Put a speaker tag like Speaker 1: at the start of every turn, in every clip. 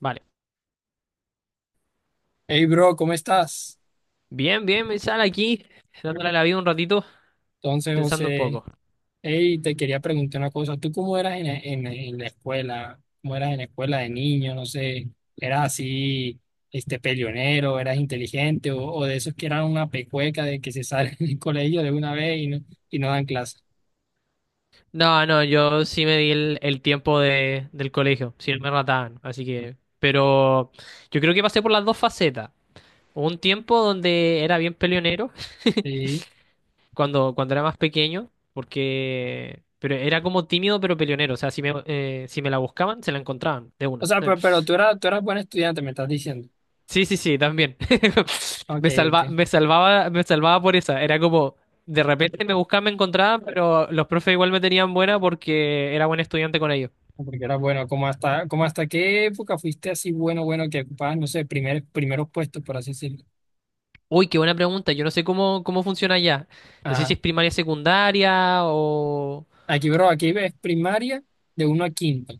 Speaker 1: Vale.
Speaker 2: Hey, bro, ¿cómo estás?
Speaker 1: Bien, bien, me sale aquí, dándole a la vida un ratito,
Speaker 2: Entonces,
Speaker 1: pensando un
Speaker 2: José,
Speaker 1: poco.
Speaker 2: hey, te quería preguntar una cosa. ¿Tú cómo eras en la escuela? ¿Cómo eras en la escuela de niño? No sé, ¿eras así, este, peleonero, eras inteligente o de esos que eran una pecueca de que se salen del colegio de una vez y no dan clase?
Speaker 1: No, no, yo sí me di el tiempo del colegio, si no me rataban, así que... Pero yo creo que pasé por las dos facetas. Hubo un tiempo donde era bien peleonero,
Speaker 2: Sí.
Speaker 1: cuando era más pequeño, porque... Pero era como tímido pero peleonero, o sea, si me, si me la buscaban, se la encontraban, de
Speaker 2: O
Speaker 1: una.
Speaker 2: sea, pero tú eras buen estudiante, me estás diciendo.
Speaker 1: Sí, sí, sí, también.
Speaker 2: Ok, ok.
Speaker 1: Me salvaba por esa. Era como, de repente me buscaba, me encontraba, pero los profes igual me tenían buena porque era buen estudiante con ellos.
Speaker 2: No, porque eras bueno. ¿Cómo hasta qué época fuiste así bueno, bueno, que ocupabas, no sé, primer, primeros puestos, por así decirlo?
Speaker 1: Uy, qué buena pregunta. Yo no sé cómo funciona ya. No sé si es
Speaker 2: Ajá.
Speaker 1: primaria, secundaria o...
Speaker 2: Aquí, bro, aquí ves primaria de uno a quinto,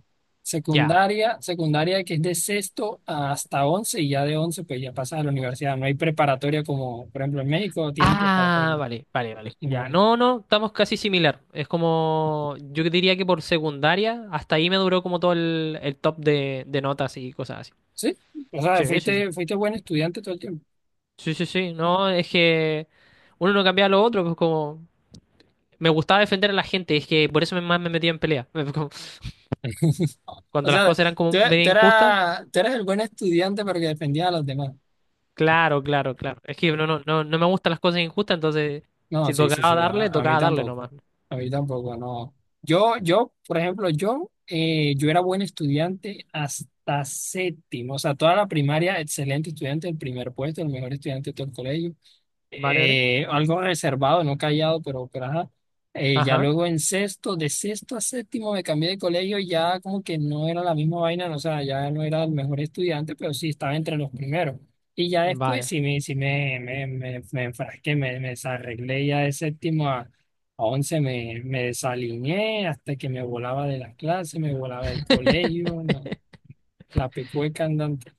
Speaker 1: Ya.
Speaker 2: secundaria, secundaria que es de sexto hasta 11 y ya de 11 pues ya pasas a la universidad. No hay preparatoria como, por ejemplo, en México tienen
Speaker 1: Ah,
Speaker 2: preparatoria.
Speaker 1: vale, vale, vale.
Speaker 2: Y no
Speaker 1: Ya.
Speaker 2: hay.
Speaker 1: No, no, estamos casi similar. Es como, yo diría que por secundaria, hasta ahí me duró como todo el top de notas y cosas así.
Speaker 2: Sí, o sea,
Speaker 1: Sí, sí, sí.
Speaker 2: fuiste, fuiste buen estudiante todo el tiempo.
Speaker 1: Sí, sí, sí, no, es que uno no cambia a lo otro, pues como me gustaba defender a la gente, es que por eso más me metía en pelea. Como,
Speaker 2: O
Speaker 1: cuando las
Speaker 2: sea,
Speaker 1: cosas eran
Speaker 2: tú,
Speaker 1: como medio
Speaker 2: tú
Speaker 1: injustas,
Speaker 2: eras, tú eras el buen estudiante pero que defendía a los demás.
Speaker 1: claro, claro, claro. Es que no, no, no, no me gustan las cosas injustas, entonces
Speaker 2: No,
Speaker 1: si
Speaker 2: sí, sí,
Speaker 1: tocaba
Speaker 2: sí,
Speaker 1: darle,
Speaker 2: a mí
Speaker 1: tocaba darle
Speaker 2: tampoco.
Speaker 1: nomás.
Speaker 2: A mí tampoco, no. Yo, por ejemplo, yo, yo era buen estudiante hasta séptimo, o sea, toda la primaria, excelente estudiante, el primer puesto, el mejor estudiante de todo el colegio,
Speaker 1: ¿Vale, vale?
Speaker 2: algo reservado, no callado, pero ajá. Ya
Speaker 1: Ajá,
Speaker 2: luego en sexto, de sexto a séptimo me cambié de colegio, y ya como que no era la misma vaina, no, o sea, ya no era el mejor estudiante, pero sí estaba entre los primeros. Y ya después
Speaker 1: vale.
Speaker 2: sí me, me enfrasqué, me desarreglé ya de séptimo a once, me desalineé hasta que me volaba de las clases, me volaba del colegio, no, la pecueca andante.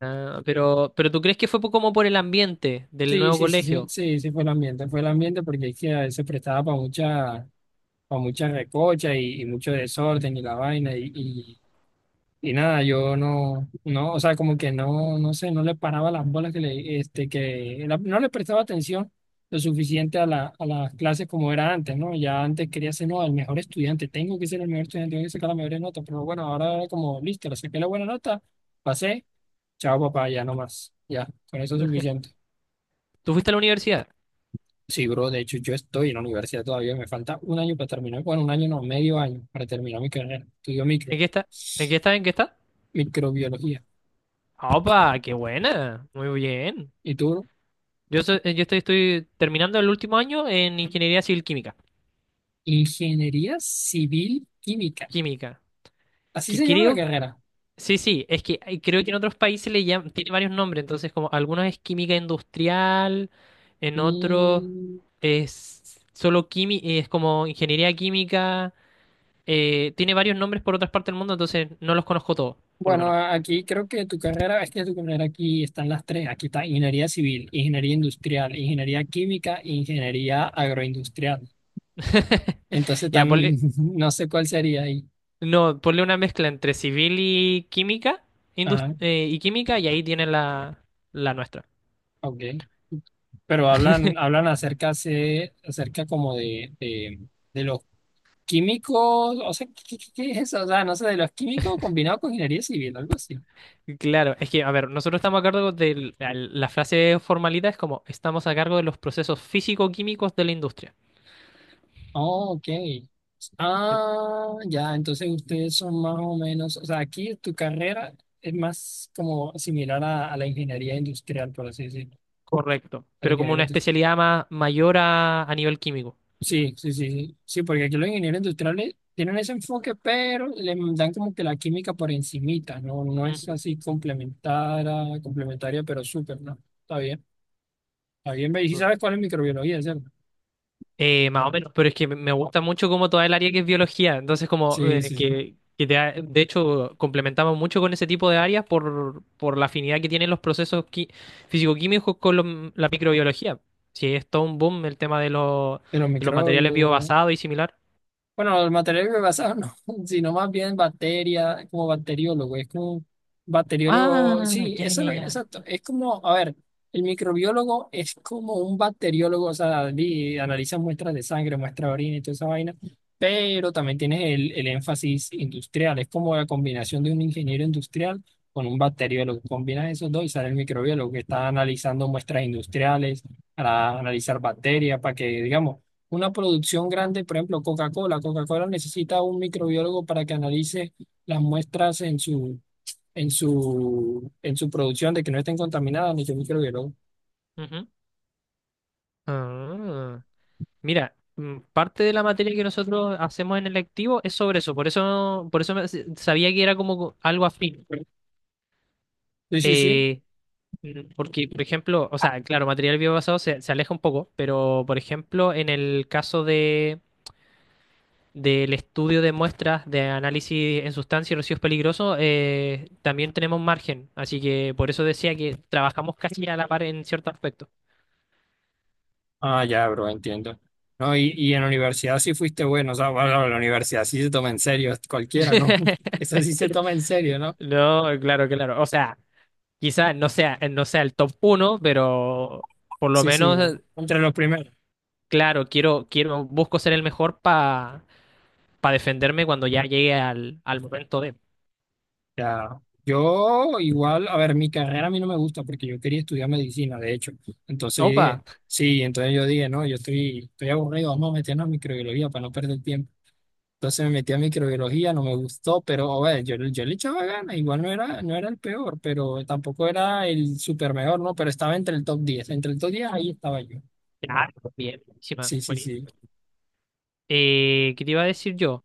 Speaker 1: Ah, pero ¿tú crees que como por el ambiente del
Speaker 2: Sí,
Speaker 1: nuevo
Speaker 2: sí, sí, sí,
Speaker 1: colegio?
Speaker 2: sí, sí fue el ambiente porque es que a prestaba para mucha recocha y mucho desorden y la vaina y nada, yo no, no, o sea, como que no, no sé, no le paraba las bolas que le, este, que la- no le prestaba atención lo suficiente a la, a las clases como era antes, ¿no? Ya antes quería ser, no, el mejor estudiante, tengo que ser el mejor estudiante, tengo que sacar la mejor nota, pero bueno, ahora era como, listo, le saqué la buena nota, pasé, chao papá, ya no más, ya, con eso es suficiente.
Speaker 1: ¿Tú fuiste a la universidad?
Speaker 2: Sí, bro, de hecho yo estoy en la universidad todavía, me falta un año para terminar, bueno, un año no, medio año para terminar mi carrera. Estudio micro,
Speaker 1: ¿En qué está? ¿En qué está? ¿En qué está?
Speaker 2: microbiología.
Speaker 1: ¡Opa! ¡Qué buena! Muy bien.
Speaker 2: ¿Y tú, bro?
Speaker 1: Yo, yo estoy terminando el último año en ingeniería civil química.
Speaker 2: Ingeniería Civil Química.
Speaker 1: Química.
Speaker 2: Así
Speaker 1: Que
Speaker 2: se llama la
Speaker 1: creo,
Speaker 2: carrera.
Speaker 1: sí, sí, es que creo que en otros países le llaman, tiene varios nombres, entonces como algunos es química industrial, en otros
Speaker 2: Mm,
Speaker 1: es solo química, es como ingeniería química, tiene varios nombres por otras partes del mundo, entonces no los conozco todos, por lo
Speaker 2: bueno,
Speaker 1: menos.
Speaker 2: a- aquí creo que tu carrera, es que tu carrera aquí están las tres. Aquí está Ingeniería Civil, Ingeniería Industrial, Ingeniería Química, Ingeniería Agroindustrial. Entonces,
Speaker 1: Ya,
Speaker 2: tan,
Speaker 1: ponle,
Speaker 2: no sé cuál sería ahí.
Speaker 1: no, ponle una mezcla entre civil y química,
Speaker 2: Ajá,
Speaker 1: y química, y ahí tiene la, la nuestra.
Speaker 2: ok. Pero hablan, hablan acerca, se, acerca como de los químicos, o sea, ¿qué, qué- qué- es eso? O sea, no sé, de los químicos combinados con ingeniería civil, algo así.
Speaker 1: Claro, es que, a ver, nosotros estamos a cargo de la frase formalidad es como estamos a cargo de los procesos físico-químicos de la industria.
Speaker 2: Oh, ok. Ah, ya, entonces ustedes son más o menos, o sea, aquí tu carrera es más como similar a la ingeniería industrial, por así decirlo,
Speaker 1: Correcto.
Speaker 2: al
Speaker 1: Pero como
Speaker 2: ingeniero
Speaker 1: una
Speaker 2: industrial.
Speaker 1: especialidad más mayor a nivel químico.
Speaker 2: Sí, sí, sí, sí, sí, porque aquí los ingenieros industriales tienen ese enfoque, pero le dan como que la química por encimita, ¿no? No es
Speaker 1: Ujú.
Speaker 2: así complementaria, complementaria, pero súper, ¿no? Está bien, está bien, ve, y sí sabes cuál es microbiología, ¿cierto?
Speaker 1: Más o menos, pero es que me gusta mucho como toda el área que es biología, entonces como
Speaker 2: Sí, sí, sí,
Speaker 1: de hecho complementamos mucho con ese tipo de áreas por la afinidad que tienen los procesos físico-químicos con la microbiología. Sí, es todo un boom el tema
Speaker 2: de los
Speaker 1: de los materiales
Speaker 2: microbios.
Speaker 1: biobasados y similar.
Speaker 2: Bueno, los materiales bioenvasado no, sino más bien bacteria, como bacteriólogo, es como bacteriólogo,
Speaker 1: Ah,
Speaker 2: sí,
Speaker 1: ya,
Speaker 2: eso es
Speaker 1: ya,
Speaker 2: lo que,
Speaker 1: ya.
Speaker 2: exacto, es como, a ver, el microbiólogo es como un bacteriólogo, o sea, di- analiza muestras de sangre, muestras de orina y toda esa vaina, pero también tienes el énfasis industrial, es como la combinación de un ingeniero industrial con un bacteriólogo, combinas esos dos y sale el microbiólogo que está analizando muestras industriales para analizar bacterias, para que, digamos, una producción grande, por ejemplo, Coca-Cola. Coca-Cola necesita un microbiólogo para que analice las muestras en su, en su producción de que no estén contaminadas, ni que microbiólogo.
Speaker 1: Ujú. Ah, mira, parte de la materia que nosotros hacemos en el lectivo es sobre eso, por eso, por eso sabía que era algo afín.
Speaker 2: Sí, sí, sí.
Speaker 1: Eh, porque, por ejemplo, o sea, claro, material biobasado se aleja un poco, pero por ejemplo, en el caso de del estudio de muestras de análisis en sustancias y residuos peligrosos, también tenemos margen, así que por eso decía que trabajamos casi a la par en cierto aspecto.
Speaker 2: Ah, ya, bro, entiendo. No, y en la universidad sí fuiste bueno, o sea, bueno, la universidad sí se toma en serio, cualquiera, ¿no? Eso sí se toma en serio, ¿no?
Speaker 1: No, claro, claro. O sea, quizá no sea, no sea el top uno, pero por lo
Speaker 2: Sí,
Speaker 1: menos,
Speaker 2: sí, entre los primeros.
Speaker 1: claro, quiero, busco ser el mejor para defenderme cuando ya llegue al, al momento de.
Speaker 2: Ya, yo igual, a ver, mi carrera a mí no me gusta porque yo quería estudiar medicina, de hecho. Entonces yo dije,
Speaker 1: Opa,
Speaker 2: sí, entonces yo dije, no, yo estoy, estoy aburrido, vamos a meternos a microbiología para no perder tiempo. Entonces me metí a microbiología, no me gustó, pero a ver, yo le echaba ganas, igual no era, no era el peor, pero tampoco era el super mejor, ¿no? Pero estaba entre el top 10, entre el top 10 ahí estaba yo.
Speaker 1: claro, bien, buenísima,
Speaker 2: Sí, sí, sí.
Speaker 1: buenísima. ¿Qué te iba a decir yo?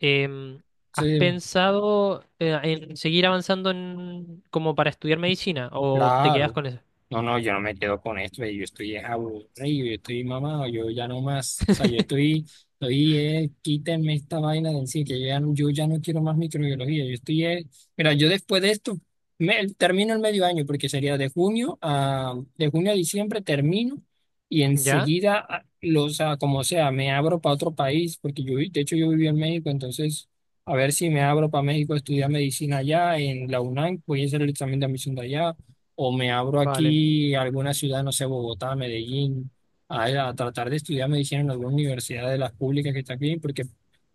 Speaker 1: Em, ¿Has
Speaker 2: Sí,
Speaker 1: pensado en seguir avanzando en, como para estudiar medicina o te quedas
Speaker 2: claro.
Speaker 1: con eso?
Speaker 2: No, no, yo no me quedo con esto, yo estoy es aburrido, yo estoy mamado, yo ya no más, o sea, yo estoy, estoy, quítenme esta vaina de encima, que yo ya, no- yo ya no quiero más microbiología, yo estoy, mira, yo después de esto, me, termino el medio año, porque sería de junio a diciembre termino, y
Speaker 1: ¿Ya?
Speaker 2: enseguida, a- lo, o sea, como sea, me abro para otro país, porque yo, vi- de hecho, yo viví en México, entonces, a ver si me abro para México a estudiar medicina allá, en la UNAM, voy a hacer el examen de admisión de allá, o me abro
Speaker 1: Vale,
Speaker 2: aquí a alguna ciudad, no sé, Bogotá, Medellín, a tratar de estudiar medicina en alguna universidad de las públicas que está aquí, porque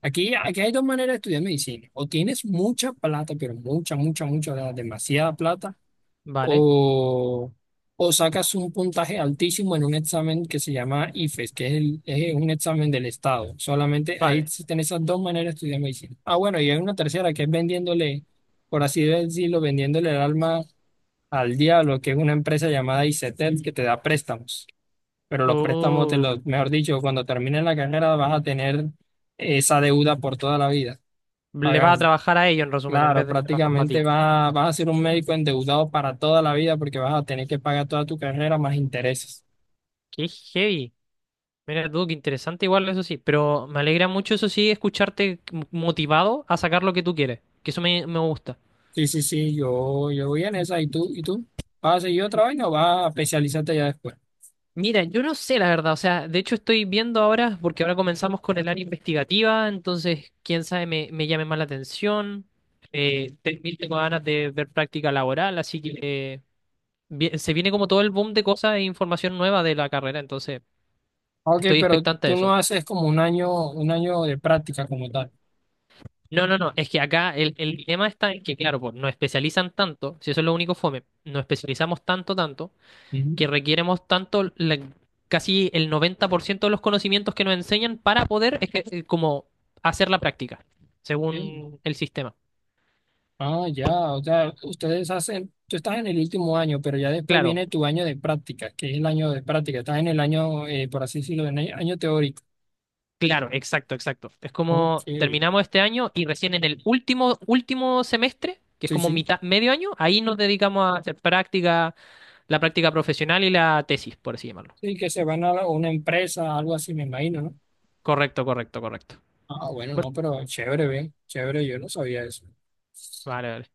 Speaker 2: aquí, aquí hay dos maneras de estudiar medicina, o tienes mucha plata, pero mucha, mucha, mucha, o sea, demasiada plata,
Speaker 1: vale,
Speaker 2: o, o sacas un puntaje altísimo en un examen que se llama IFES, que es, el, es un examen del Estado, solamente ahí
Speaker 1: vale.
Speaker 2: existen esas dos maneras de estudiar medicina. Ah, bueno, y hay una tercera que es vendiéndole, por así decirlo, vendiéndole el alma al diablo, que es una empresa llamada ICETEL que te da préstamos. Pero los préstamos, te
Speaker 1: Oh.
Speaker 2: los, mejor dicho, cuando termines la carrera vas a tener esa deuda por toda la vida
Speaker 1: Le vas a
Speaker 2: pagando.
Speaker 1: trabajar a ellos, en resumen, en
Speaker 2: Claro,
Speaker 1: vez de trabajar para
Speaker 2: prácticamente
Speaker 1: ti.
Speaker 2: vas, a- vas a ser un médico endeudado para toda la vida porque vas a tener que pagar toda tu carrera más intereses.
Speaker 1: Qué heavy. Mira tú, qué interesante igual, eso sí. Pero me alegra mucho, eso sí, escucharte motivado a sacar lo que tú quieres. Que eso me gusta.
Speaker 2: Sí, sí, sí, yo voy en esa. ¿Y tú? ¿Y tú? ¿Vas a seguir otra vez o vas a especializarte ya después?
Speaker 1: Mira, yo no sé la verdad. O sea, de hecho estoy viendo ahora, porque ahora comenzamos con el área investigativa, entonces, quién sabe, me llame más la atención. Tengo ganas de ver práctica laboral, así que eh, se viene como todo el boom de cosas e información nueva de la carrera, entonces
Speaker 2: Ok,
Speaker 1: estoy
Speaker 2: pero
Speaker 1: expectante de
Speaker 2: tú no
Speaker 1: eso.
Speaker 2: haces como un año de práctica como tal.
Speaker 1: No, no, no, es que acá el dilema está en que, claro, pues nos especializan tanto, si eso es lo único fome, nos especializamos tanto, tanto,
Speaker 2: Ujú.
Speaker 1: que requieremos tanto, casi el 90% de los conocimientos que nos enseñan para poder, es que, hacer la práctica, según el sistema.
Speaker 2: Ah, ya, o sea, ustedes hacen, tú estás en el último año, pero ya después
Speaker 1: Claro,
Speaker 2: viene tu año de práctica, que es el año de práctica, estás en el año, por así decirlo, en el año teórico.
Speaker 1: claro, exacto, exacto. Es
Speaker 2: Ok,
Speaker 1: como
Speaker 2: sí,
Speaker 1: terminamos este año y recién en el último semestre, que es como
Speaker 2: sí,
Speaker 1: medio año, ahí nos dedicamos a hacer práctica, la práctica profesional y la tesis, por así llamarlo.
Speaker 2: sí, que se van a la- una empresa, algo así, me imagino, ¿no?
Speaker 1: Correcto, correcto, correcto.
Speaker 2: Ah, bueno, no, pero chévere, ven, chévere, yo no sabía eso.
Speaker 1: Vale, vale.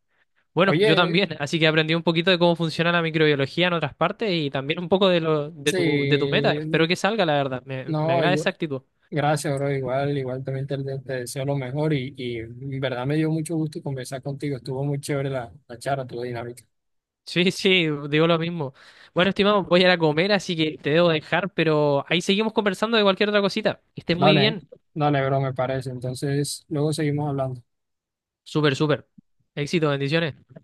Speaker 1: Bueno, yo
Speaker 2: Oye,
Speaker 1: también, así que aprendí un poquito de cómo funciona la microbiología en otras partes y también un poco de lo, de tu meta. Espero
Speaker 2: sí,
Speaker 1: que salga, la verdad. Me
Speaker 2: no,
Speaker 1: agrada
Speaker 2: igual-
Speaker 1: esa actitud.
Speaker 2: gracias, bro, igual, igual también te deseo lo mejor y en verdad me dio mucho gusto conversar contigo, estuvo muy chévere la, la charla, tu dinámica.
Speaker 1: Sí, sí, digo lo mismo. Bueno, estimado, voy a ir a comer, así que te debo dejar, pero ahí seguimos conversando de cualquier otra cosita. Que estés muy
Speaker 2: Dale,
Speaker 1: bien.
Speaker 2: dale, bro, me parece. Entonces, luego seguimos hablando.
Speaker 1: Súper, súper. Éxito, bendiciones.